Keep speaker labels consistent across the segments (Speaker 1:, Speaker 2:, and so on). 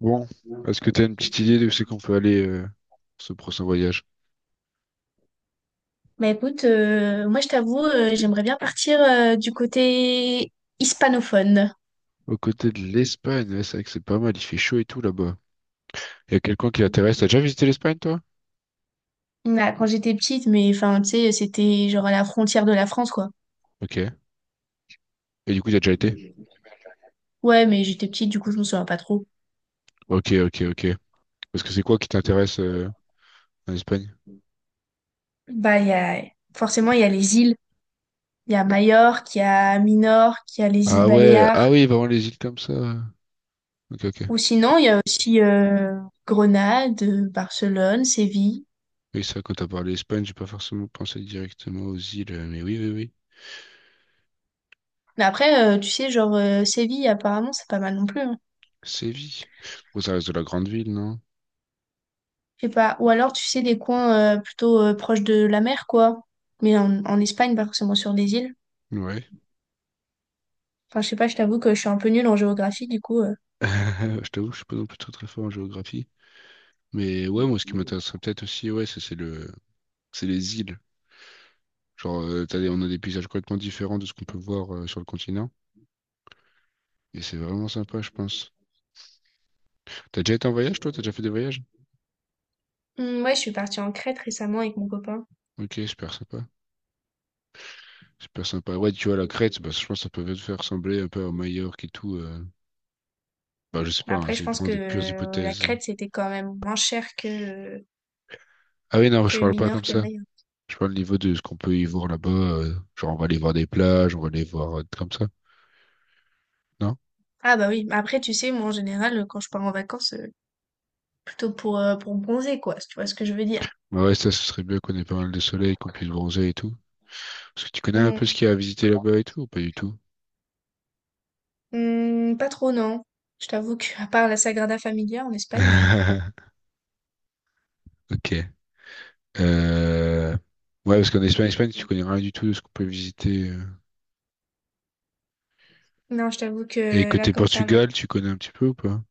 Speaker 1: Bon, est-ce que tu as une petite idée de où c'est qu'on peut aller pour ce prochain voyage?
Speaker 2: Bah écoute, moi je t'avoue, j'aimerais bien partir du côté hispanophone.
Speaker 1: Aux côtés de l'Espagne, ouais, c'est vrai que c'est pas mal, il fait chaud et tout là-bas. Il y a quelqu'un qui t'intéresse. T'as déjà visité l'Espagne, toi?
Speaker 2: Bah, quand j'étais petite, mais enfin, tu sais, c'était genre à la frontière de la France, quoi.
Speaker 1: Ok. Et du coup, t'as déjà été?
Speaker 2: Ouais, mais j'étais petite, du coup, je me souviens pas trop.
Speaker 1: Ok, ok, ok. Parce que c'est quoi qui t'intéresse en Espagne?
Speaker 2: Bah, forcément, il y a les îles. Il y a Majorque, il y a Minorque, il y a les îles
Speaker 1: Ah ouais, ah
Speaker 2: Baléares.
Speaker 1: oui, vraiment les îles comme ça. Ok, ok.
Speaker 2: Ou sinon, il y a aussi Grenade, Barcelone, Séville.
Speaker 1: Oui, ça, quand t'as parlé Espagne, j'ai pas forcément pensé directement aux îles, mais oui, oui, oui.
Speaker 2: Mais après, tu sais, genre, Séville, apparemment, c'est pas mal non plus, hein.
Speaker 1: Séville. Bon, ça reste de la grande ville, non?
Speaker 2: Je sais pas. Ou alors, tu sais, des coins plutôt proches de la mer, quoi. Mais en Espagne, pas forcément sur des îles.
Speaker 1: Ouais.
Speaker 2: Enfin, je sais pas, je t'avoue que je suis un peu nulle en géographie, du coup. euh.
Speaker 1: Je t'avoue, je suis pas non plus très très fort en géographie. Mais ouais, moi, ce qui m'intéresserait peut-être aussi, ouais, c'est c'est les îles. Genre, on a des paysages complètement différents de ce qu'on peut voir sur le continent. Et c'est vraiment sympa, je pense. T'as déjà été en voyage, toi? T'as déjà fait des voyages?
Speaker 2: Hum, ouais, je suis partie en Crète récemment avec mon copain.
Speaker 1: Ok, super sympa. Super sympa. Ouais, tu vois, la Crète, bah, je pense que ça peut te faire ressembler un peu à Majorque et tout. Bah, je sais pas, hein,
Speaker 2: Après, je
Speaker 1: c'est
Speaker 2: pense
Speaker 1: vraiment
Speaker 2: que
Speaker 1: des pures
Speaker 2: la
Speaker 1: hypothèses.
Speaker 2: Crète, c'était quand même moins cher que, euh,
Speaker 1: Ah oui, non, je
Speaker 2: que
Speaker 1: parle pas comme
Speaker 2: Minorque et
Speaker 1: ça.
Speaker 2: Mayotte.
Speaker 1: Je parle au niveau de ce qu'on peut y voir là-bas, genre, on va aller voir des plages, on va aller voir comme ça. Non?
Speaker 2: Ah bah oui, après, tu sais, moi, en général, quand je pars en vacances, plutôt pour bronzer, quoi, si tu vois ce que je veux dire.
Speaker 1: Bah ouais, ça, ce serait bien qu'on ait pas mal de soleil, qu'on puisse bronzer et tout. Parce que tu connais un peu ce
Speaker 2: Hum,
Speaker 1: qu'il y a à visiter là-bas et tout ou pas du tout?
Speaker 2: pas trop, non. Je t'avoue que, à part la Sagrada Familia en Espagne,
Speaker 1: Ok. Euh, Ouais, parce qu'en Espagne, Espagne, tu connais rien du tout de ce qu'on peut visiter.
Speaker 2: non, je t'avoue
Speaker 1: Et
Speaker 2: que là,
Speaker 1: côté
Speaker 2: comme ça, non.
Speaker 1: Portugal, tu connais un petit peu ou pas?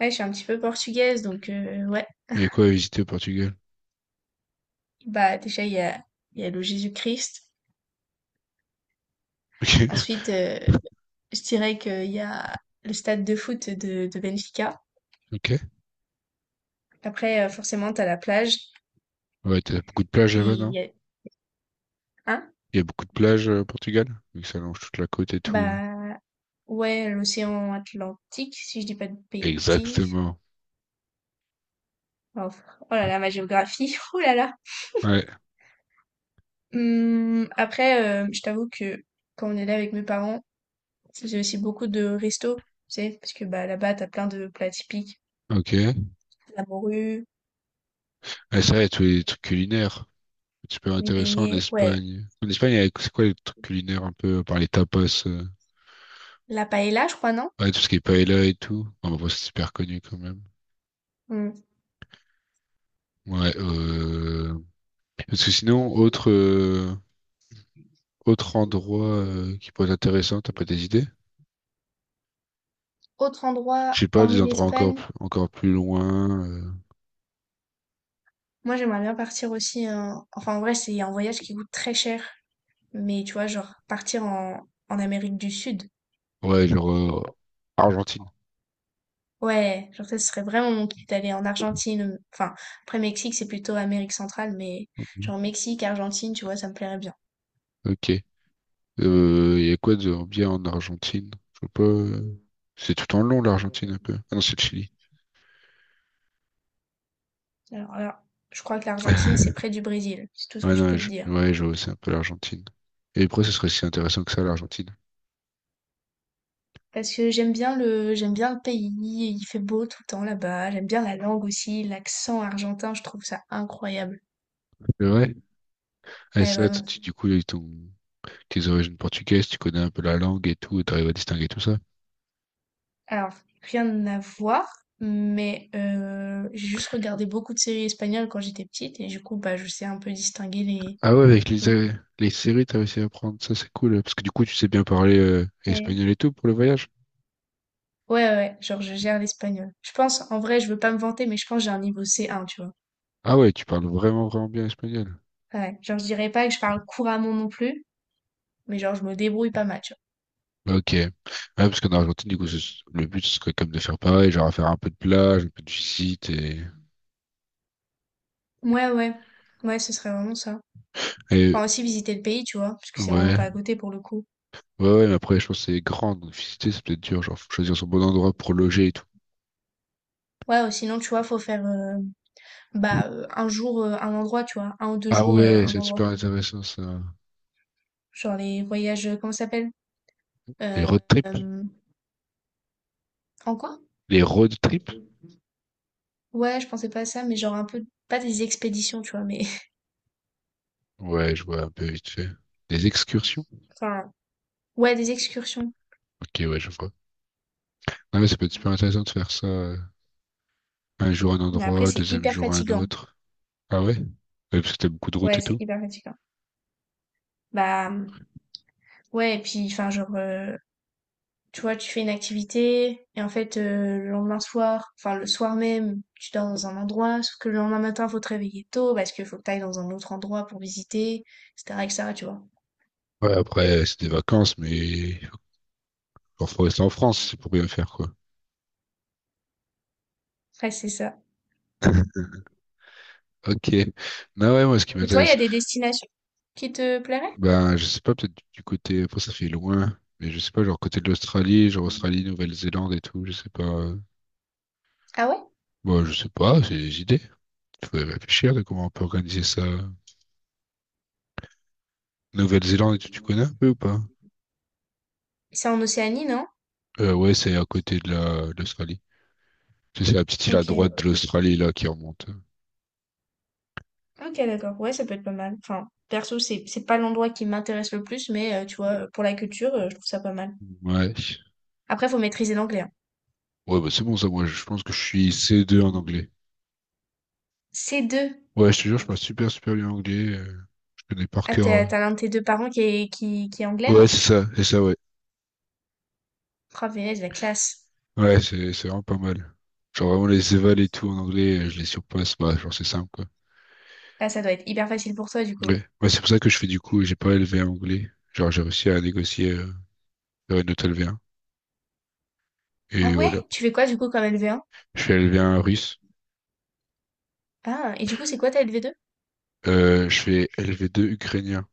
Speaker 2: Ouais, je suis un petit peu portugaise, donc ouais.
Speaker 1: Il y a quoi à visiter au Portugal?
Speaker 2: Bah, déjà, il y a le Jésus-Christ.
Speaker 1: Ok.
Speaker 2: Ensuite, je dirais qu'il y a le stade de foot de Benfica.
Speaker 1: Ok.
Speaker 2: Après, forcément, t'as la plage
Speaker 1: Ouais, t'as beaucoup de plages
Speaker 2: et
Speaker 1: là-bas,
Speaker 2: il
Speaker 1: non?
Speaker 2: y a, hein?
Speaker 1: Il y a beaucoup de plages au Portugal? Vu que ça longe toute la côte et tout.
Speaker 2: Bah, ouais, l'océan Atlantique, si je dis pas de bêtises.
Speaker 1: Exactement.
Speaker 2: Oh, oh là là, ma géographie, oh là là!
Speaker 1: Ouais,
Speaker 2: Mmh, après, je t'avoue que quand on est là avec mes parents, je faisais aussi beaucoup de restos, tu sais? Parce que, bah, là-bas, t'as plein de plats typiques,
Speaker 1: ok.
Speaker 2: la morue.
Speaker 1: Ah, c'est vrai, tous les trucs culinaires. Super
Speaker 2: Les
Speaker 1: intéressant en
Speaker 2: beignets, ouais.
Speaker 1: Espagne. En Espagne, c'est quoi les trucs culinaires un peu, par les tapas?
Speaker 2: La paella, je crois, non?
Speaker 1: Ouais, tout ce qui est paella et tout. Enfin, bon, c'est super connu quand même.
Speaker 2: Hmm.
Speaker 1: Ouais, Parce que sinon, autre, autre endroit qui pourrait être intéressant, t'as pas des idées?
Speaker 2: Autre
Speaker 1: Je
Speaker 2: endroit,
Speaker 1: sais pas, des
Speaker 2: hormis
Speaker 1: endroits encore,
Speaker 2: l'Espagne,
Speaker 1: encore plus loin.
Speaker 2: moi j'aimerais bien partir aussi. Enfin, en vrai, c'est un voyage qui coûte très cher. Mais tu vois, genre, partir en Amérique du Sud.
Speaker 1: Ouais, genre Argentine.
Speaker 2: Ouais, genre, ça ce serait vraiment mon kiff d'aller en Argentine. Enfin, après Mexique, c'est plutôt Amérique centrale, mais genre Mexique, Argentine, tu vois, ça me plairait bien.
Speaker 1: Ok. Y a quoi de bien en Argentine? Je sais pas. C'est tout en long l'Argentine un peu. Ah non, c'est le Chili.
Speaker 2: Alors là, je crois que l'Argentine, c'est près du Brésil. C'est tout ce
Speaker 1: Ouais,
Speaker 2: que je
Speaker 1: non,
Speaker 2: peux te dire.
Speaker 1: ouais, je vois, c'est un peu l'Argentine. Et pourquoi ce serait si intéressant que ça, l'Argentine?
Speaker 2: Parce que j'aime bien le pays, il fait beau tout le temps là-bas, j'aime bien la langue aussi, l'accent argentin, je trouve ça incroyable.
Speaker 1: C'est vrai? Ah,
Speaker 2: Ouais,
Speaker 1: c'est vrai, toi,
Speaker 2: vraiment.
Speaker 1: du coup, ils t'ont tes origines portugaises, tu connais un peu la langue et tout, et t'arrives à distinguer tout ça.
Speaker 2: Alors, rien à voir, mais j'ai juste regardé beaucoup de séries espagnoles quand j'étais petite et du coup, bah, je sais un peu distinguer les.
Speaker 1: Ah ouais, avec
Speaker 2: les-
Speaker 1: les séries, t'as réussi à apprendre, ça c'est cool, parce que du coup, tu sais bien parler
Speaker 2: les-
Speaker 1: espagnol et tout pour le voyage.
Speaker 2: Ouais, ouais, ouais, genre je gère l'espagnol. Je pense, en vrai, je veux pas me vanter, mais je pense que j'ai un niveau C1, tu vois.
Speaker 1: Ah ouais, tu parles vraiment, vraiment bien espagnol.
Speaker 2: Ouais, genre je dirais pas que je parle couramment non plus, mais genre je me débrouille pas mal, tu
Speaker 1: Bah, ok. Ouais, parce qu'en Argentine, du coup, le but, ce serait comme de faire pareil, genre à faire un peu de plage, un peu de visite et...
Speaker 2: vois. Ouais, ouais, ouais, ce serait vraiment ça.
Speaker 1: et
Speaker 2: Enfin, aussi visiter le pays, tu vois, parce que c'est vraiment
Speaker 1: ouais.
Speaker 2: pas à côté pour le coup.
Speaker 1: Ouais, ouais, mais après, je pense que c'est grand, donc visiter, c'est peut-être dur, genre, faut choisir son bon endroit pour loger et tout.
Speaker 2: Ouais, ou sinon, tu vois, faut faire un jour, un endroit, tu vois, un ou deux
Speaker 1: Ah
Speaker 2: jours,
Speaker 1: ouais,
Speaker 2: un
Speaker 1: c'est
Speaker 2: endroit.
Speaker 1: super intéressant, ça.
Speaker 2: Genre les voyages, comment ça s'appelle?
Speaker 1: Les
Speaker 2: Euh,
Speaker 1: road trips?
Speaker 2: euh, en quoi?
Speaker 1: Les road trips?
Speaker 2: Ouais, je pensais pas à ça, mais genre un peu, pas des expéditions, tu vois, mais
Speaker 1: Ouais, je vois un peu vite fait. Des excursions?
Speaker 2: enfin, ouais, des excursions.
Speaker 1: Ok, ouais, je vois. Non mais ça peut être super intéressant de faire ça. Un jour un
Speaker 2: Mais après,
Speaker 1: endroit,
Speaker 2: c'est
Speaker 1: deuxième
Speaker 2: hyper
Speaker 1: jour un
Speaker 2: fatigant.
Speaker 1: autre. Ah ouais? Ouais, parce que t'as beaucoup de routes
Speaker 2: Ouais,
Speaker 1: et
Speaker 2: c'est
Speaker 1: tout.
Speaker 2: hyper fatigant. Bah, ouais, et puis, enfin, tu vois, tu fais une activité et en fait, le lendemain soir, enfin le soir même, tu dors dans un endroit, sauf que le lendemain matin, faut te réveiller tôt parce qu'il faut que t'ailles dans un autre endroit pour visiter, etc., etc., tu vois.
Speaker 1: Ouais, après, c'est des vacances, mais il faut rester en France, c'est pour bien faire, quoi.
Speaker 2: Ouais, c'est ça.
Speaker 1: Ok. Non, ouais, moi, ce qui
Speaker 2: Mais toi, il y
Speaker 1: m'intéresse
Speaker 2: a des destinations qui te plairaient?
Speaker 1: ben, je sais pas, peut-être du côté, après ça fait loin, mais je sais pas, genre côté de l'Australie, genre Australie, Nouvelle-Zélande et tout, je sais pas.
Speaker 2: Ah ouais?
Speaker 1: Bon, je sais pas, c'est des idées. Il faudrait réfléchir de comment on peut organiser ça. Nouvelle-Zélande et tout, tu connais un peu ou pas?
Speaker 2: C'est en Océanie, non?
Speaker 1: Ouais, c'est à côté de la, de l'Australie. Tu sais, c'est la petite île à
Speaker 2: Ok.
Speaker 1: droite de l'Australie, là, qui remonte.
Speaker 2: Ok, d'accord. Ouais, ça peut être pas mal. Enfin, perso, c'est pas l'endroit qui m'intéresse le plus, mais tu vois, pour la culture, je trouve ça pas mal.
Speaker 1: Ouais.
Speaker 2: Après, faut maîtriser l'anglais, hein.
Speaker 1: Ouais, bah c'est bon ça, moi, je pense que je suis C2 en anglais.
Speaker 2: C2.
Speaker 1: Ouais, je te jure, je parle super, super bien anglais. Je connais par
Speaker 2: Ah,
Speaker 1: cœur.
Speaker 2: t'as
Speaker 1: euh.
Speaker 2: t'as l'un de tes deux parents qui est anglais,
Speaker 1: Ouais,
Speaker 2: non?
Speaker 1: c'est ça, ouais.
Speaker 2: Oh punaise, la classe.
Speaker 1: Ouais, c'est vraiment pas mal. Genre vraiment les évals et tout en anglais, je les surpasse, bah genre c'est simple quoi.
Speaker 2: Ah, ça doit être hyper facile pour toi, du coup.
Speaker 1: Ouais, ouais c'est pour ça que je fais du coup, j'ai pas élevé un anglais. Genre j'ai réussi à négocier faire une note LV1. Et
Speaker 2: Ah ouais?
Speaker 1: voilà.
Speaker 2: Tu fais quoi, du coup, comme LV1?
Speaker 1: Je fais LV1 russe,
Speaker 2: Ah, et du coup, c'est quoi ta LV2?
Speaker 1: je fais LV2 ukrainien.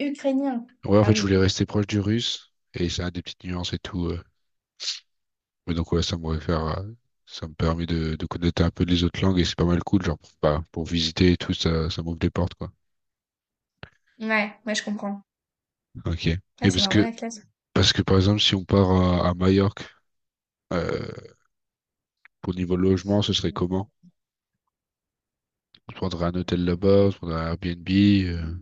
Speaker 2: Ukrainien.
Speaker 1: Ouais en
Speaker 2: Ah
Speaker 1: fait je
Speaker 2: oui.
Speaker 1: voulais rester proche du russe et ça a des petites nuances et tout. Mais donc ouais ça m'aurait fait ça me permet de connaître un peu les autres langues et c'est pas mal cool, genre pour, bah, pour visiter et tout, ça m'ouvre des portes quoi.
Speaker 2: Ouais, ouais, je comprends.
Speaker 1: Ok. Et
Speaker 2: Ouais, c'est
Speaker 1: parce
Speaker 2: vraiment
Speaker 1: que
Speaker 2: la classe.
Speaker 1: parce que par exemple si on part à Majorque, Euh, pour niveau logement, ce serait comment? On se prendrait un hôtel là-bas, on se prendrait un Airbnb.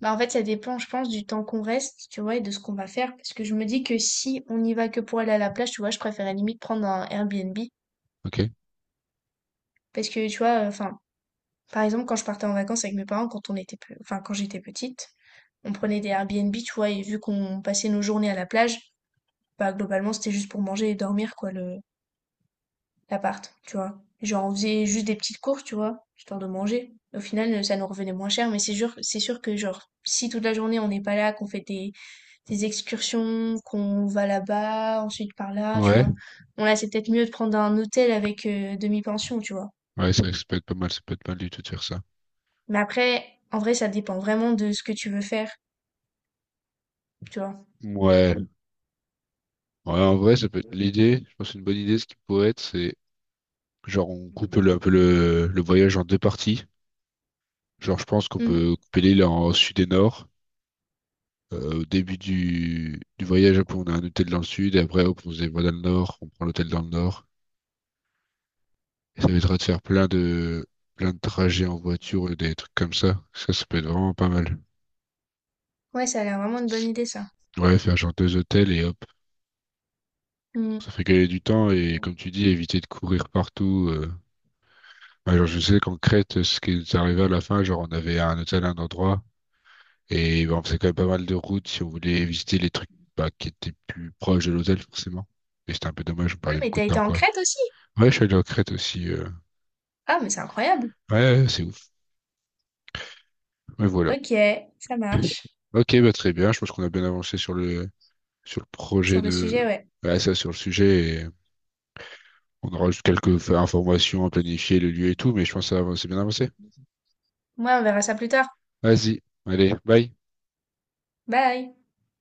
Speaker 2: Bah, en fait, ça dépend, je pense, du temps qu'on reste, tu vois, et de ce qu'on va faire. Parce que je me dis que si on y va que pour aller à la plage, tu vois, je préférais limite prendre un Airbnb.
Speaker 1: Ok?
Speaker 2: Parce que, tu vois, enfin, par exemple, quand je partais en vacances avec mes parents, quand on était, enfin, quand j'étais petite, on prenait des Airbnb, tu vois, et vu qu'on passait nos journées à la plage, bah, globalement, c'était juste pour manger et dormir, quoi, l'appart, tu vois. Genre, on faisait juste des petites courses, tu vois, histoire de manger. Au final, ça nous revenait moins cher, mais c'est sûr que, genre, si toute la journée on n'est pas là, qu'on fait des excursions, qu'on va là-bas, ensuite par là, tu
Speaker 1: Ouais.
Speaker 2: vois, bon là, c'est peut-être mieux de prendre un hôtel avec demi-pension, tu vois.
Speaker 1: Ouais, ça peut être pas mal, ça peut être pas mal du tout de faire ça.
Speaker 2: Mais après, en vrai, ça dépend vraiment de ce que tu veux faire, tu vois.
Speaker 1: Ouais. Ouais, en vrai, ça peut être l'idée. Je pense qu'une bonne idée, ce qui pourrait être, c'est genre on coupe un peu le voyage en deux parties. Genre, je pense qu'on peut
Speaker 2: Mhm.
Speaker 1: couper l'île en sud et nord. Au début du voyage, hop, on a un hôtel dans le sud, et après, hop, on se dévoile dans le nord, on prend l'hôtel dans le nord. Et ça évitera de faire plein de trajets en voiture et des trucs comme ça. Ça peut être vraiment pas mal.
Speaker 2: Ouais, ça a l'air vraiment une bonne idée, ça.
Speaker 1: Ouais, faire genre deux hôtels et hop.
Speaker 2: Mhm.
Speaker 1: Ça fait gagner du temps et comme tu dis, éviter de courir partout. Ouais, genre, je sais qu'en Crète, ce qui nous arrivait à la fin, genre on avait un hôtel à un endroit et bah, on faisait quand même pas mal de routes si on voulait visiter les trucs bah, qui étaient plus proches de l'hôtel forcément. Et c'était un peu dommage, on
Speaker 2: Ah,
Speaker 1: perdait
Speaker 2: mais
Speaker 1: beaucoup
Speaker 2: t'as
Speaker 1: de
Speaker 2: été
Speaker 1: temps
Speaker 2: en
Speaker 1: quoi.
Speaker 2: Crète aussi?
Speaker 1: Ouais, je suis allé en Crète aussi.
Speaker 2: Ah, mais c'est incroyable.
Speaker 1: Ouais, ouais, c'est ouf. Mais voilà.
Speaker 2: Ok, ça marche.
Speaker 1: Ok, bah très bien. Je pense qu'on a bien avancé sur le projet
Speaker 2: Sur le sujet,
Speaker 1: de,
Speaker 2: ouais.
Speaker 1: ouais, ça, sur le sujet. Et on aura juste quelques informations à planifier, le lieu et tout, mais je pense que c'est bien avancé.
Speaker 2: Moi, on verra ça plus tard.
Speaker 1: Vas-y, allez, bye.
Speaker 2: Bye!